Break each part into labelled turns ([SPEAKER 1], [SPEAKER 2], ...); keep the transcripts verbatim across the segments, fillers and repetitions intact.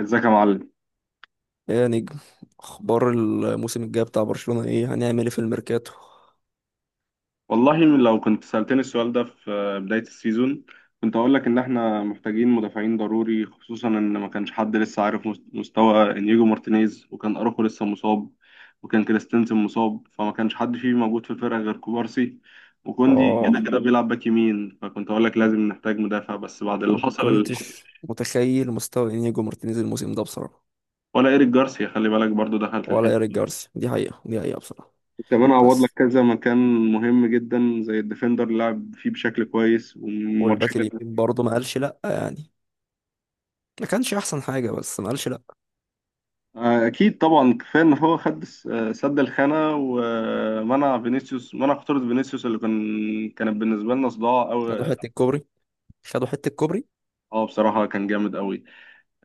[SPEAKER 1] ازيك يا معلم.
[SPEAKER 2] ايه يا نجم؟ اخبار الموسم الجاي بتاع برشلونة، ايه هنعمل ايه في الميركاتو؟
[SPEAKER 1] والله لو كنت سألتني السؤال ده في بداية السيزون كنت هقول لك ان احنا محتاجين مدافعين ضروري، خصوصا ان ما كانش حد لسه عارف مس- مستوى انيجو مارتينيز، وكان اروخو لسه مصاب وكان كريستنسن مصاب، فما كانش حد فيه موجود في الفرقة غير كوبارسي، وكوندي كده
[SPEAKER 2] اه،
[SPEAKER 1] كده بيلعب باك يمين، فكنت هقول لك لازم نحتاج مدافع. بس بعد اللي حصل اللي حصل
[SPEAKER 2] كنتش متخيل مستوى انيجو مارتينيز الموسم ده بصراحة.
[SPEAKER 1] ولا ايريك جارسيا، خلي بالك برضو دخل في
[SPEAKER 2] ولا ايريك
[SPEAKER 1] الحسبة،
[SPEAKER 2] جارسيا، دي حقيقة دي حقيقة بصراحة.
[SPEAKER 1] كمان عوض لك
[SPEAKER 2] بس.
[SPEAKER 1] كذا مكان مهم جدا زي الديفندر اللي لعب فيه بشكل كويس
[SPEAKER 2] والباك
[SPEAKER 1] والماتشين.
[SPEAKER 2] اليمين برضه ما قالش لا، يعني ما كانش احسن حاجة بس ما قالش لا.
[SPEAKER 1] آه، اكيد طبعا كفايه ان هو خد الس- آه، سد الخانه ومنع فينيسيوس، منع خطوره فينيسيوس اللي كان، كانت بالنسبه لنا صداع
[SPEAKER 2] خدوا
[SPEAKER 1] قوي.
[SPEAKER 2] حتة كوبري، خدوا حتة كوبري.
[SPEAKER 1] اه بصراحه كان جامد قوي.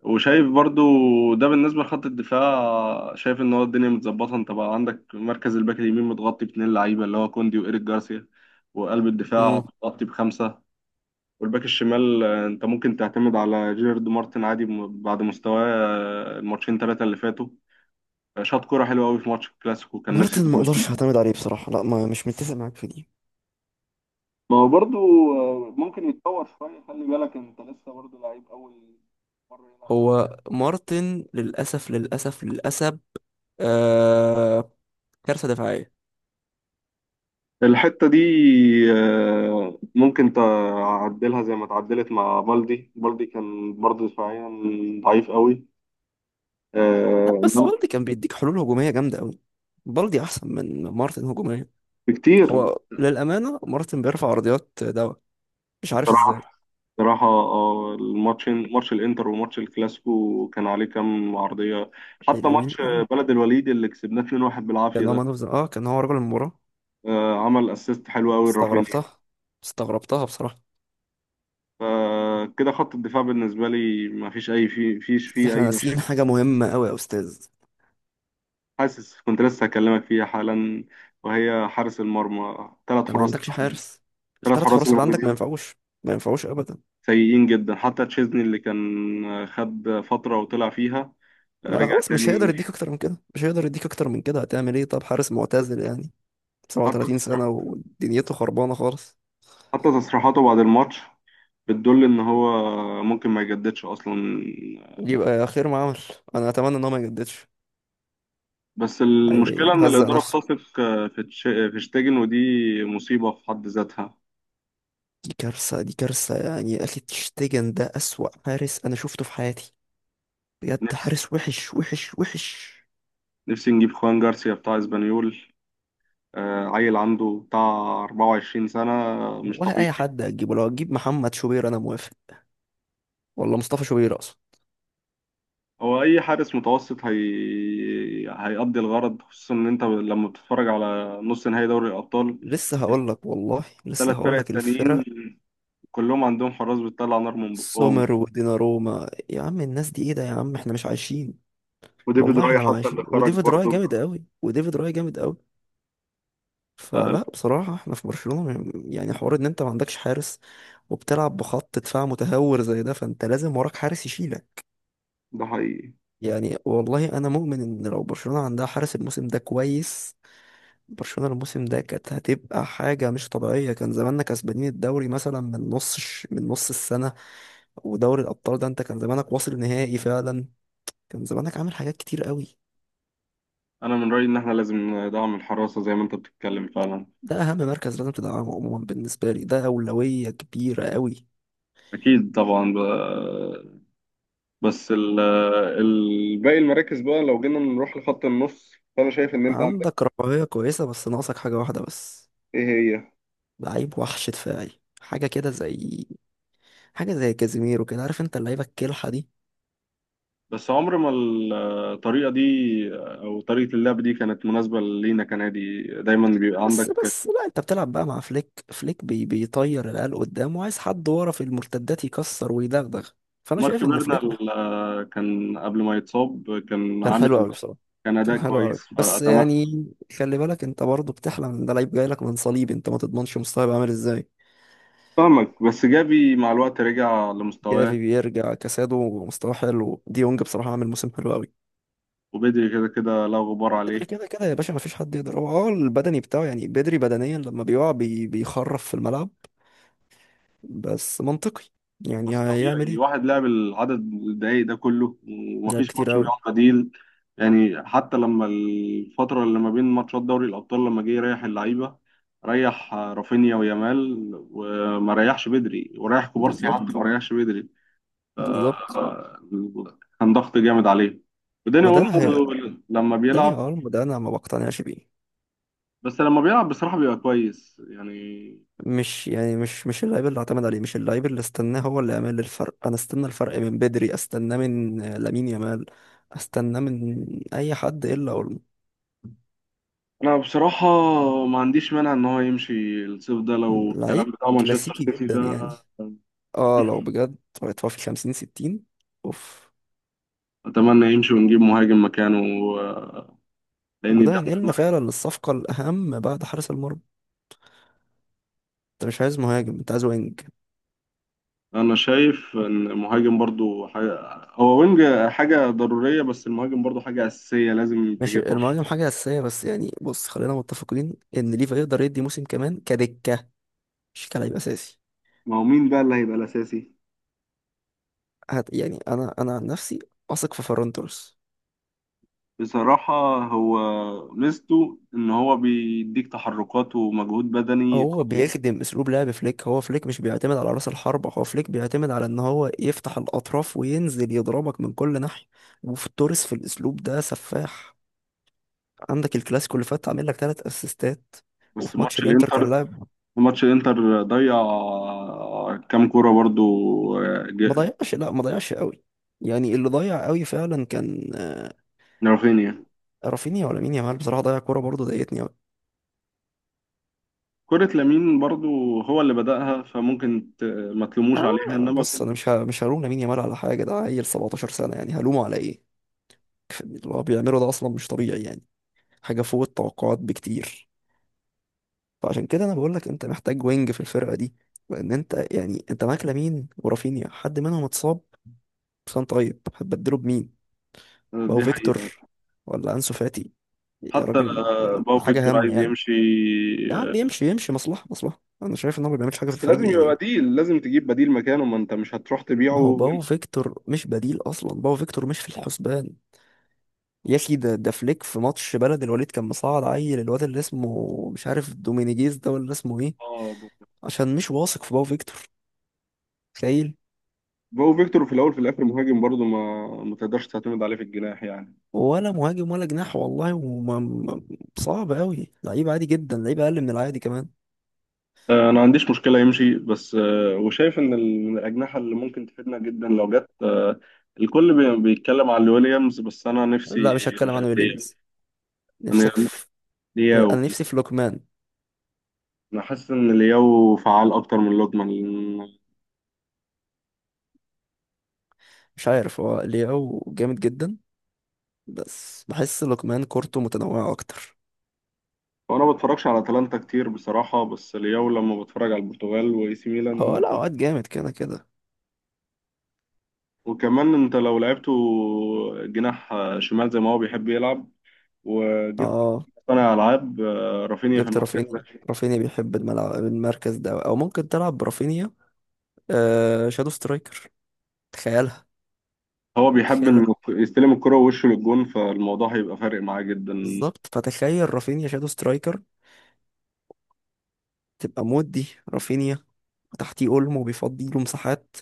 [SPEAKER 1] وشايف برضو ده بالنسبه لخط الدفاع، شايف ان هو الدنيا متظبطه. انت بقى عندك مركز الباك اليمين متغطي باتنين لعيبه اللي هو كوندي وايريك جارسيا، وقلب الدفاع
[SPEAKER 2] امم
[SPEAKER 1] متغطي بخمسه، والباك الشمال آه، انت ممكن تعتمد على جيرارد مارتن عادي م- بعد مستواه آه، الماتشين ثلاثه اللي فاتوا. آه، شاط كرة حلوة أوي في ماتش الكلاسيكو، كان نفسي
[SPEAKER 2] مارتن ما
[SPEAKER 1] تخش.
[SPEAKER 2] اقدرش اعتمد عليه بصراحة، لا، ما مش متفق معاك في دي.
[SPEAKER 1] ما هو برضو آه، ممكن يتطور شوية، خلي بالك انت لسه برضو لعيب أول مرة يلعب خمس.
[SPEAKER 2] هو مارتن للأسف للأسف للأسف. آه. كارثة دفاعية.
[SPEAKER 1] الحتة دي آه، ممكن تعدلها زي ما اتعدلت مع بالدي. بالدي كان برضه دفاعيا ضعيف قوي، آه،
[SPEAKER 2] لا بس
[SPEAKER 1] إنما
[SPEAKER 2] بالدي كان بيديك حلول هجومية جامدة قوي. بالدي أحسن من مارتن هجوميا.
[SPEAKER 1] بكتير.
[SPEAKER 2] هو للأمانة مارتن بيرفع عرضيات دواء، مش عارف
[SPEAKER 1] بصراحة
[SPEAKER 2] ازاي.
[SPEAKER 1] بصراحة آه، الماتشين، ماتش الإنتر وماتش الكلاسيكو، كان عليه كام عرضية. حتى
[SPEAKER 2] حلوين
[SPEAKER 1] ماتش
[SPEAKER 2] يعني.
[SPEAKER 1] بلد الوليد اللي كسبناه اتنين واحد بالعافية
[SPEAKER 2] كان هو
[SPEAKER 1] ده
[SPEAKER 2] مان أوف ذا- اه كان هو رجل المباراة.
[SPEAKER 1] آه، عمل اسيست حلو قوي لرافينيا.
[SPEAKER 2] استغربتها استغربتها بصراحة.
[SPEAKER 1] فكده خط الدفاع بالنسبة لي ما فيش أي في فيش
[SPEAKER 2] بس
[SPEAKER 1] فيه
[SPEAKER 2] احنا
[SPEAKER 1] أي
[SPEAKER 2] ناسيين
[SPEAKER 1] مشاكل.
[SPEAKER 2] حاجة مهمة قوي يا أستاذ.
[SPEAKER 1] حاسس كنت لسه هكلمك فيها حالا، وهي حارس المرمى. ثلاث
[SPEAKER 2] انت ما
[SPEAKER 1] حراس
[SPEAKER 2] عندكش حارس،
[SPEAKER 1] ثلاث
[SPEAKER 2] التلات
[SPEAKER 1] حراس
[SPEAKER 2] حراس
[SPEAKER 1] اللي
[SPEAKER 2] اللي عندك ما
[SPEAKER 1] موجودين
[SPEAKER 2] ينفعوش. ما ينفعوش أبدا.
[SPEAKER 1] سيئين جدا، حتى تشيزني اللي كان خد فترة وطلع فيها
[SPEAKER 2] ما
[SPEAKER 1] رجع
[SPEAKER 2] خلاص، مش هيقدر
[SPEAKER 1] تاني.
[SPEAKER 2] يديك أكتر من كده، مش هيقدر يديك أكتر من كده. هتعمل ايه؟ طب حارس معتزل، يعني
[SPEAKER 1] حتى
[SPEAKER 2] سبعة وثلاثين
[SPEAKER 1] تصريح
[SPEAKER 2] سنة ودنيته خربانة خالص.
[SPEAKER 1] حتى تصريحاته بعد الماتش بتدل إن هو ممكن ما يجددش أصلا.
[SPEAKER 2] يبقى خير ما عمل. انا اتمنى ان هو ما يجددش.
[SPEAKER 1] بس المشكلة إن
[SPEAKER 2] هيهزق
[SPEAKER 1] الإدارة
[SPEAKER 2] نفسه.
[SPEAKER 1] بتثق في تش- في شتيجن، ودي مصيبة في حد ذاتها.
[SPEAKER 2] دي كارثه دي كارثه، يعني يا اخي تشتيجن ده اسوأ حارس انا شفته في حياتي. بجد حارس وحش وحش وحش.
[SPEAKER 1] نفسي نجيب خوان جارسيا بتاع اسبانيول، آه، عيل عنده بتاع أربعة وعشرين سنة، آه، مش
[SPEAKER 2] والله
[SPEAKER 1] طبيعي.
[SPEAKER 2] اي حد هتجيبه، لو هتجيب محمد شوبير انا موافق، والله مصطفى شوبير اصلا.
[SPEAKER 1] هو أي حارس متوسط هي... هيأدي الغرض، خصوصا إن أنت لما بتتفرج على نص نهائي دوري الأبطال،
[SPEAKER 2] لسه هقول لك، والله لسه
[SPEAKER 1] الثلاث فرق
[SPEAKER 2] هقول لك
[SPEAKER 1] التانيين
[SPEAKER 2] الفرق.
[SPEAKER 1] كلهم عندهم حراس بتطلع نار من بقهم.
[SPEAKER 2] سومر وديناروما، يا عم الناس دي ايه ده يا عم، احنا مش عايشين.
[SPEAKER 1] وديفيد
[SPEAKER 2] والله
[SPEAKER 1] راي
[SPEAKER 2] احنا ما
[SPEAKER 1] حتى اللي
[SPEAKER 2] عايشين.
[SPEAKER 1] خرج
[SPEAKER 2] وديفيد راي
[SPEAKER 1] برضه.
[SPEAKER 2] جامد قوي، وديفيد راي جامد قوي.
[SPEAKER 1] آه، لا،
[SPEAKER 2] فلا بصراحة احنا في برشلونة م- يعني حوار ان انت ما عندكش حارس وبتلعب بخط دفاع متهور زي ده، فانت لازم وراك حارس يشيلك.
[SPEAKER 1] ده حقيقي.
[SPEAKER 2] يعني والله انا مؤمن ان لو برشلونة عندها حارس الموسم ده كويس، برشلونة الموسم ده كانت هتبقى حاجة مش طبيعية. كان زماننا كسبانين الدوري مثلا من نص الش- من نص السنة. ودوري الابطال ده انت كان زمانك واصل نهائي فعلا، كان زمانك عامل حاجات كتير قوي.
[SPEAKER 1] أنا من رأيي إن إحنا لازم ندعم الحراسة زي ما أنت بتتكلم فعلا.
[SPEAKER 2] ده اهم مركز لازم تدعمه عموما، بالنسبة لي ده أولوية كبيرة قوي.
[SPEAKER 1] أكيد طبعا بقى. بس ال- ال- باقي المراكز بقى، لو جينا نروح لخط النص، فانا شايف ان انت عندك.
[SPEAKER 2] عندك رفاهية كويسة بس ناقصك حاجة واحدة بس.
[SPEAKER 1] ايه هي؟
[SPEAKER 2] لعيب وحش دفاعي، حاجة كده زي حاجة زي كازيميرو كده، عارف انت اللعيبة الكلحة دي.
[SPEAKER 1] بس عمر ما الطريقه دي او طريقه اللعب دي كانت مناسبه لينا كنادي. دايما بيبقى
[SPEAKER 2] بس
[SPEAKER 1] عندك
[SPEAKER 2] بس لا، انت بتلعب بقى مع فليك. فليك بي... بيطير العيال قدام وعايز حد ورا في المرتدات يكسر ويدغدغ. فانا
[SPEAKER 1] مارك
[SPEAKER 2] شايف ان فليك مح-
[SPEAKER 1] بيرنال، آه، كان قبل ما يتصاب كان
[SPEAKER 2] كان
[SPEAKER 1] عامل،
[SPEAKER 2] حلو قوي بصراحة،
[SPEAKER 1] كان اداء
[SPEAKER 2] كان حلو
[SPEAKER 1] كويس،
[SPEAKER 2] قوي. بس
[SPEAKER 1] فاتمنى.
[SPEAKER 2] يعني خلي بالك انت برضه بتحلم ان ده لعيب جاي لك من صليب، انت ما تضمنش مستواه هيبقى عامل ازاي.
[SPEAKER 1] فاهمك. بس جافي مع الوقت رجع لمستواه،
[SPEAKER 2] جافي بيرجع، كاسادو مستواه حلو، ديونج بصراحة عامل موسم حلو قوي.
[SPEAKER 1] وبدري كده كده لا غبار
[SPEAKER 2] بدري
[SPEAKER 1] عليه.
[SPEAKER 2] كده كده يا باشا مفيش حد يقدر، هو اه البدني بتاعه، يعني بدري بدنيا لما بيقع بي بيخرف في الملعب. بس منطقي، يعني
[SPEAKER 1] بس
[SPEAKER 2] هيعمل
[SPEAKER 1] طبيعي
[SPEAKER 2] ايه؟
[SPEAKER 1] واحد لعب العدد الدقايق ده كله
[SPEAKER 2] لعب
[SPEAKER 1] ومفيش
[SPEAKER 2] كتير
[SPEAKER 1] ماتش
[SPEAKER 2] قوي.
[SPEAKER 1] بيقعد بديل، يعني حتى لما الفترة اللي ما بين ماتشات دوري الأبطال لما جه يريح اللعيبة، ريح رافينيا ويامال وما ريحش بدري، وريح كوبارسي حتى
[SPEAKER 2] بالظبط.
[SPEAKER 1] ما ريحش بدري.
[SPEAKER 2] بالظبط.
[SPEAKER 1] آه، كان ضغط جامد عليه. وداني
[SPEAKER 2] وده هي
[SPEAKER 1] اولمو لما
[SPEAKER 2] داني
[SPEAKER 1] بيلعب،
[SPEAKER 2] ألم ده، انا ما بقتنعش بيه.
[SPEAKER 1] بس لما بيلعب بصراحة بيبقى كويس يعني.
[SPEAKER 2] مش يعني مش مش اللعيب اللي اعتمد عليه، مش اللعيب اللي استناه هو اللي يعمل الفرق. انا استنى الفرق من بدري، استناه من آه، لامين يامال، استناه من اي حد الا أولمو.
[SPEAKER 1] انا بصراحه ما عنديش مانع ان هو يمشي الصيف ده لو الكلام
[SPEAKER 2] لعيب
[SPEAKER 1] بتاع مانشستر
[SPEAKER 2] كلاسيكي
[SPEAKER 1] سيتي
[SPEAKER 2] جدا
[SPEAKER 1] ده
[SPEAKER 2] يعني. اه لو
[SPEAKER 1] صحيح.
[SPEAKER 2] بجد هيتوفي خمسين ستين، اوف.
[SPEAKER 1] اتمنى يمشي ونجيب مهاجم مكانه، آه، لان
[SPEAKER 2] وده
[SPEAKER 1] ده من
[SPEAKER 2] هينقلنا
[SPEAKER 1] المركز.
[SPEAKER 2] فعلا للصفقة الأهم بعد حارس المرمى. انت مش عايز مهاجم، انت عايز وينج.
[SPEAKER 1] انا شايف ان المهاجم برضو حاجه، هو وينج، حاجه ضروريه، بس المهاجم برضو حاجه اساسيه لازم
[SPEAKER 2] ماشي،
[SPEAKER 1] تجيبها.
[SPEAKER 2] المهاجم حاجة أساسية بس يعني بص، خلينا متفقين إن ليفا يقدر يدي موسم كمان كدكة، مش كلاعب أساسي.
[SPEAKER 1] ما هو مين بقى اللي هيبقى الاساسي؟
[SPEAKER 2] هت يعني أنا أنا عن نفسي أثق في فيران توريس.
[SPEAKER 1] بصراحه هو ميزته ان هو بيديك تحركات ومجهود بدني
[SPEAKER 2] هو
[SPEAKER 1] قوي.
[SPEAKER 2] بيخدم أسلوب لعب فليك، هو فليك مش بيعتمد على رأس الحربة، هو فليك بيعتمد على إن هو يفتح الأطراف وينزل يضربك من كل ناحية. وفي توريس في الأسلوب ده سفاح. عندك الكلاسيكو اللي فات عامل لك تلات أسيستات.
[SPEAKER 1] بس
[SPEAKER 2] وفي ماتش
[SPEAKER 1] ماتش
[SPEAKER 2] الانتر كان
[SPEAKER 1] الانتر،
[SPEAKER 2] لاعب.
[SPEAKER 1] ماتش الانتر ضيع كام كوره برضو، آه،
[SPEAKER 2] ما
[SPEAKER 1] ج-
[SPEAKER 2] ضيعش، لا ما ضيعش قوي. يعني اللي ضيع قوي فعلا كان آه،
[SPEAKER 1] رافينيا.
[SPEAKER 2] رافينيا، ولا مين، يامال بصراحه ضيع كوره برضه ضايقتني قوي.
[SPEAKER 1] كرة لامين برضو هو اللي بدأها، فممكن ت- ما تلوموش
[SPEAKER 2] اه
[SPEAKER 1] عليها
[SPEAKER 2] يا-
[SPEAKER 1] انما.
[SPEAKER 2] بص، انا مش ه... مش هلوم لامين يامال على حاجه، ده عيل سبعتاشر سنه يعني هلومه على ايه؟ اللي هو بيعمله ده اصلا مش طبيعي يعني، حاجه فوق التوقعات بكتير. فعشان كده انا بقول لك انت محتاج وينج في الفرقه دي، لان انت يعني انت معاك لامين ورافينيا، حد منهم اتصاب كان، طيب هتبدله بمين؟ بقى
[SPEAKER 1] دي
[SPEAKER 2] فيكتور
[SPEAKER 1] حقيقة.
[SPEAKER 2] ولا انسو فاتي؟ يا
[SPEAKER 1] حتى
[SPEAKER 2] راجل
[SPEAKER 1] آه، باو
[SPEAKER 2] ده حاجه
[SPEAKER 1] فيكتور
[SPEAKER 2] هم
[SPEAKER 1] عايز
[SPEAKER 2] يعني.
[SPEAKER 1] يمشي.
[SPEAKER 2] ده بيمشي،
[SPEAKER 1] آه،
[SPEAKER 2] يمشي يمشي، مصلحة مصلحة. أنا شايف إن هو ما بيعملش حاجة في
[SPEAKER 1] بس لازم
[SPEAKER 2] الفريق يعني.
[SPEAKER 1] يبقى بديل، لازم تجيب بديل مكانه، ما انت مش هتروح تبيعه
[SPEAKER 2] ما هو باو
[SPEAKER 1] وانت.
[SPEAKER 2] فيكتور مش بديل أصلا، باو فيكتور مش في الحسبان. يا أخي ده ده فليك في ماتش بلد الوليد كان مصعد عيل، الواد اللي اسمه مش عارف دومينيجيز ده ولا اسمه إيه،
[SPEAKER 1] اه
[SPEAKER 2] عشان مش واثق في باو فيكتور. تخيل.
[SPEAKER 1] باو فيكتور في الاول في الاخر مهاجم، برضو ما ما تقدرش تعتمد عليه في الجناح يعني.
[SPEAKER 2] ولا مهاجم ولا جناح، والله وما ما- صعب أوي، لعيب عادي جدا، لعيب أقل من العادي كمان.
[SPEAKER 1] آه، انا ما عنديش مشكله يمشي بس. آه، وشايف ان ال- من الاجنحه اللي ممكن تفيدنا جدا لو جت. آه، الكل بي- بيتكلم على ويليامز بس انا نفسي
[SPEAKER 2] لا مش هتكلم
[SPEAKER 1] آه،
[SPEAKER 2] عن
[SPEAKER 1] لياو.
[SPEAKER 2] ويليامز.
[SPEAKER 1] انا
[SPEAKER 2] نفسك في. في-
[SPEAKER 1] لياو.
[SPEAKER 2] أنا نفسي في لوكمان.
[SPEAKER 1] انا حاسس ان لياو فعال اكتر من لوكمان لأن-
[SPEAKER 2] مش عارف، هو لياو جامد جدا، بس بحس لقمان كورته متنوعة أكتر.
[SPEAKER 1] وانا ما بتفرجش على اتلانتا كتير بصراحه، بس لياو لما بتفرج على البرتغال واي سي
[SPEAKER 2] هو
[SPEAKER 1] ميلان.
[SPEAKER 2] لا وقت جامد كده كده.
[SPEAKER 1] وكمان انت لو لعبته جناح آه، شمال زي ما هو بيحب يلعب، وجبت
[SPEAKER 2] اه
[SPEAKER 1] صانع العاب آه، رافينيا في
[SPEAKER 2] جبت
[SPEAKER 1] المركز ده،
[SPEAKER 2] رافينيا، رافينيا بيحب الملعب المركز ده، أو ممكن تلعب برافينيا آه شادو سترايكر. تخيلها.
[SPEAKER 1] هو بيحب
[SPEAKER 2] تخيل.
[SPEAKER 1] انه يستلم الكرة ووشه للجون، فالموضوع هيبقى فارق معاه جدا.
[SPEAKER 2] بالظبط، فتخيل رافينيا شادو سترايكر، تبقى مود دي رافينيا، وتحتيه أولمو بيفضي له مساحات.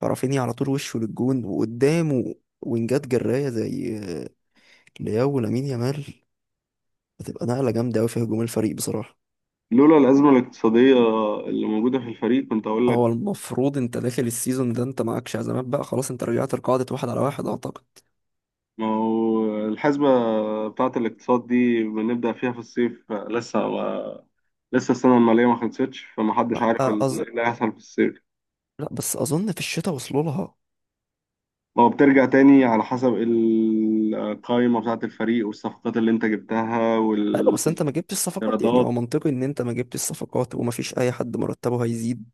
[SPEAKER 2] فرافينيا على طول وشه للجون، وقدامه وينجات جراية زي آه، لياو ولامين يامال. هتبقى نقلة جامدة أوي في هجوم الفريق بصراحة.
[SPEAKER 1] لولا الأزمة الاقتصادية اللي موجودة في الفريق كنت أقول لك.
[SPEAKER 2] هو المفروض انت داخل السيزون ده انت معاك شهزامات بقى خلاص، انت رجعت لقاعدة واحد على واحد اعتقد.
[SPEAKER 1] ما هو الحسبة بتاعة الاقتصاد دي بنبدأ فيها في الصيف، لسه ما لسه السنة المالية ما خلصتش، فمحدش
[SPEAKER 2] لا.
[SPEAKER 1] عارف
[SPEAKER 2] أز...
[SPEAKER 1] ال- اللي هيحصل في الصيف.
[SPEAKER 2] لا بس اظن في الشتاء وصلوا لها.
[SPEAKER 1] ما هو بترجع تاني على حسب القائمة بتاعة الفريق والصفقات اللي أنت جبتها
[SPEAKER 2] ايوه، بس انت
[SPEAKER 1] والإيرادات.
[SPEAKER 2] ما جبتش الصفقات، يعني هو منطقي ان انت ما جبتش الصفقات وما فيش اي حد مرتبه هيزيد.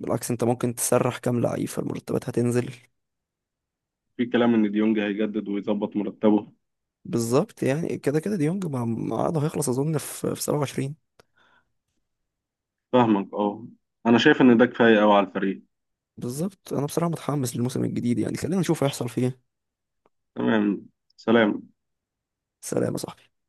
[SPEAKER 2] بالعكس انت ممكن تسرح كام لعيب فالمرتبات هتنزل.
[SPEAKER 1] في كلام إن ديونج هيجدد ويظبط مرتبه.
[SPEAKER 2] بالظبط، يعني كده كده ديونج مع مع عقده هيخلص اظن في في سبعة وعشرين.
[SPEAKER 1] فاهمك. أه، أنا شايف إن ده كفاية أوي على الفريق.
[SPEAKER 2] بالظبط، انا بصراحة متحمس للموسم الجديد، يعني خلينا نشوف هيحصل فيه إيه.
[SPEAKER 1] تمام. سلام.
[SPEAKER 2] سلام يا صاحبي.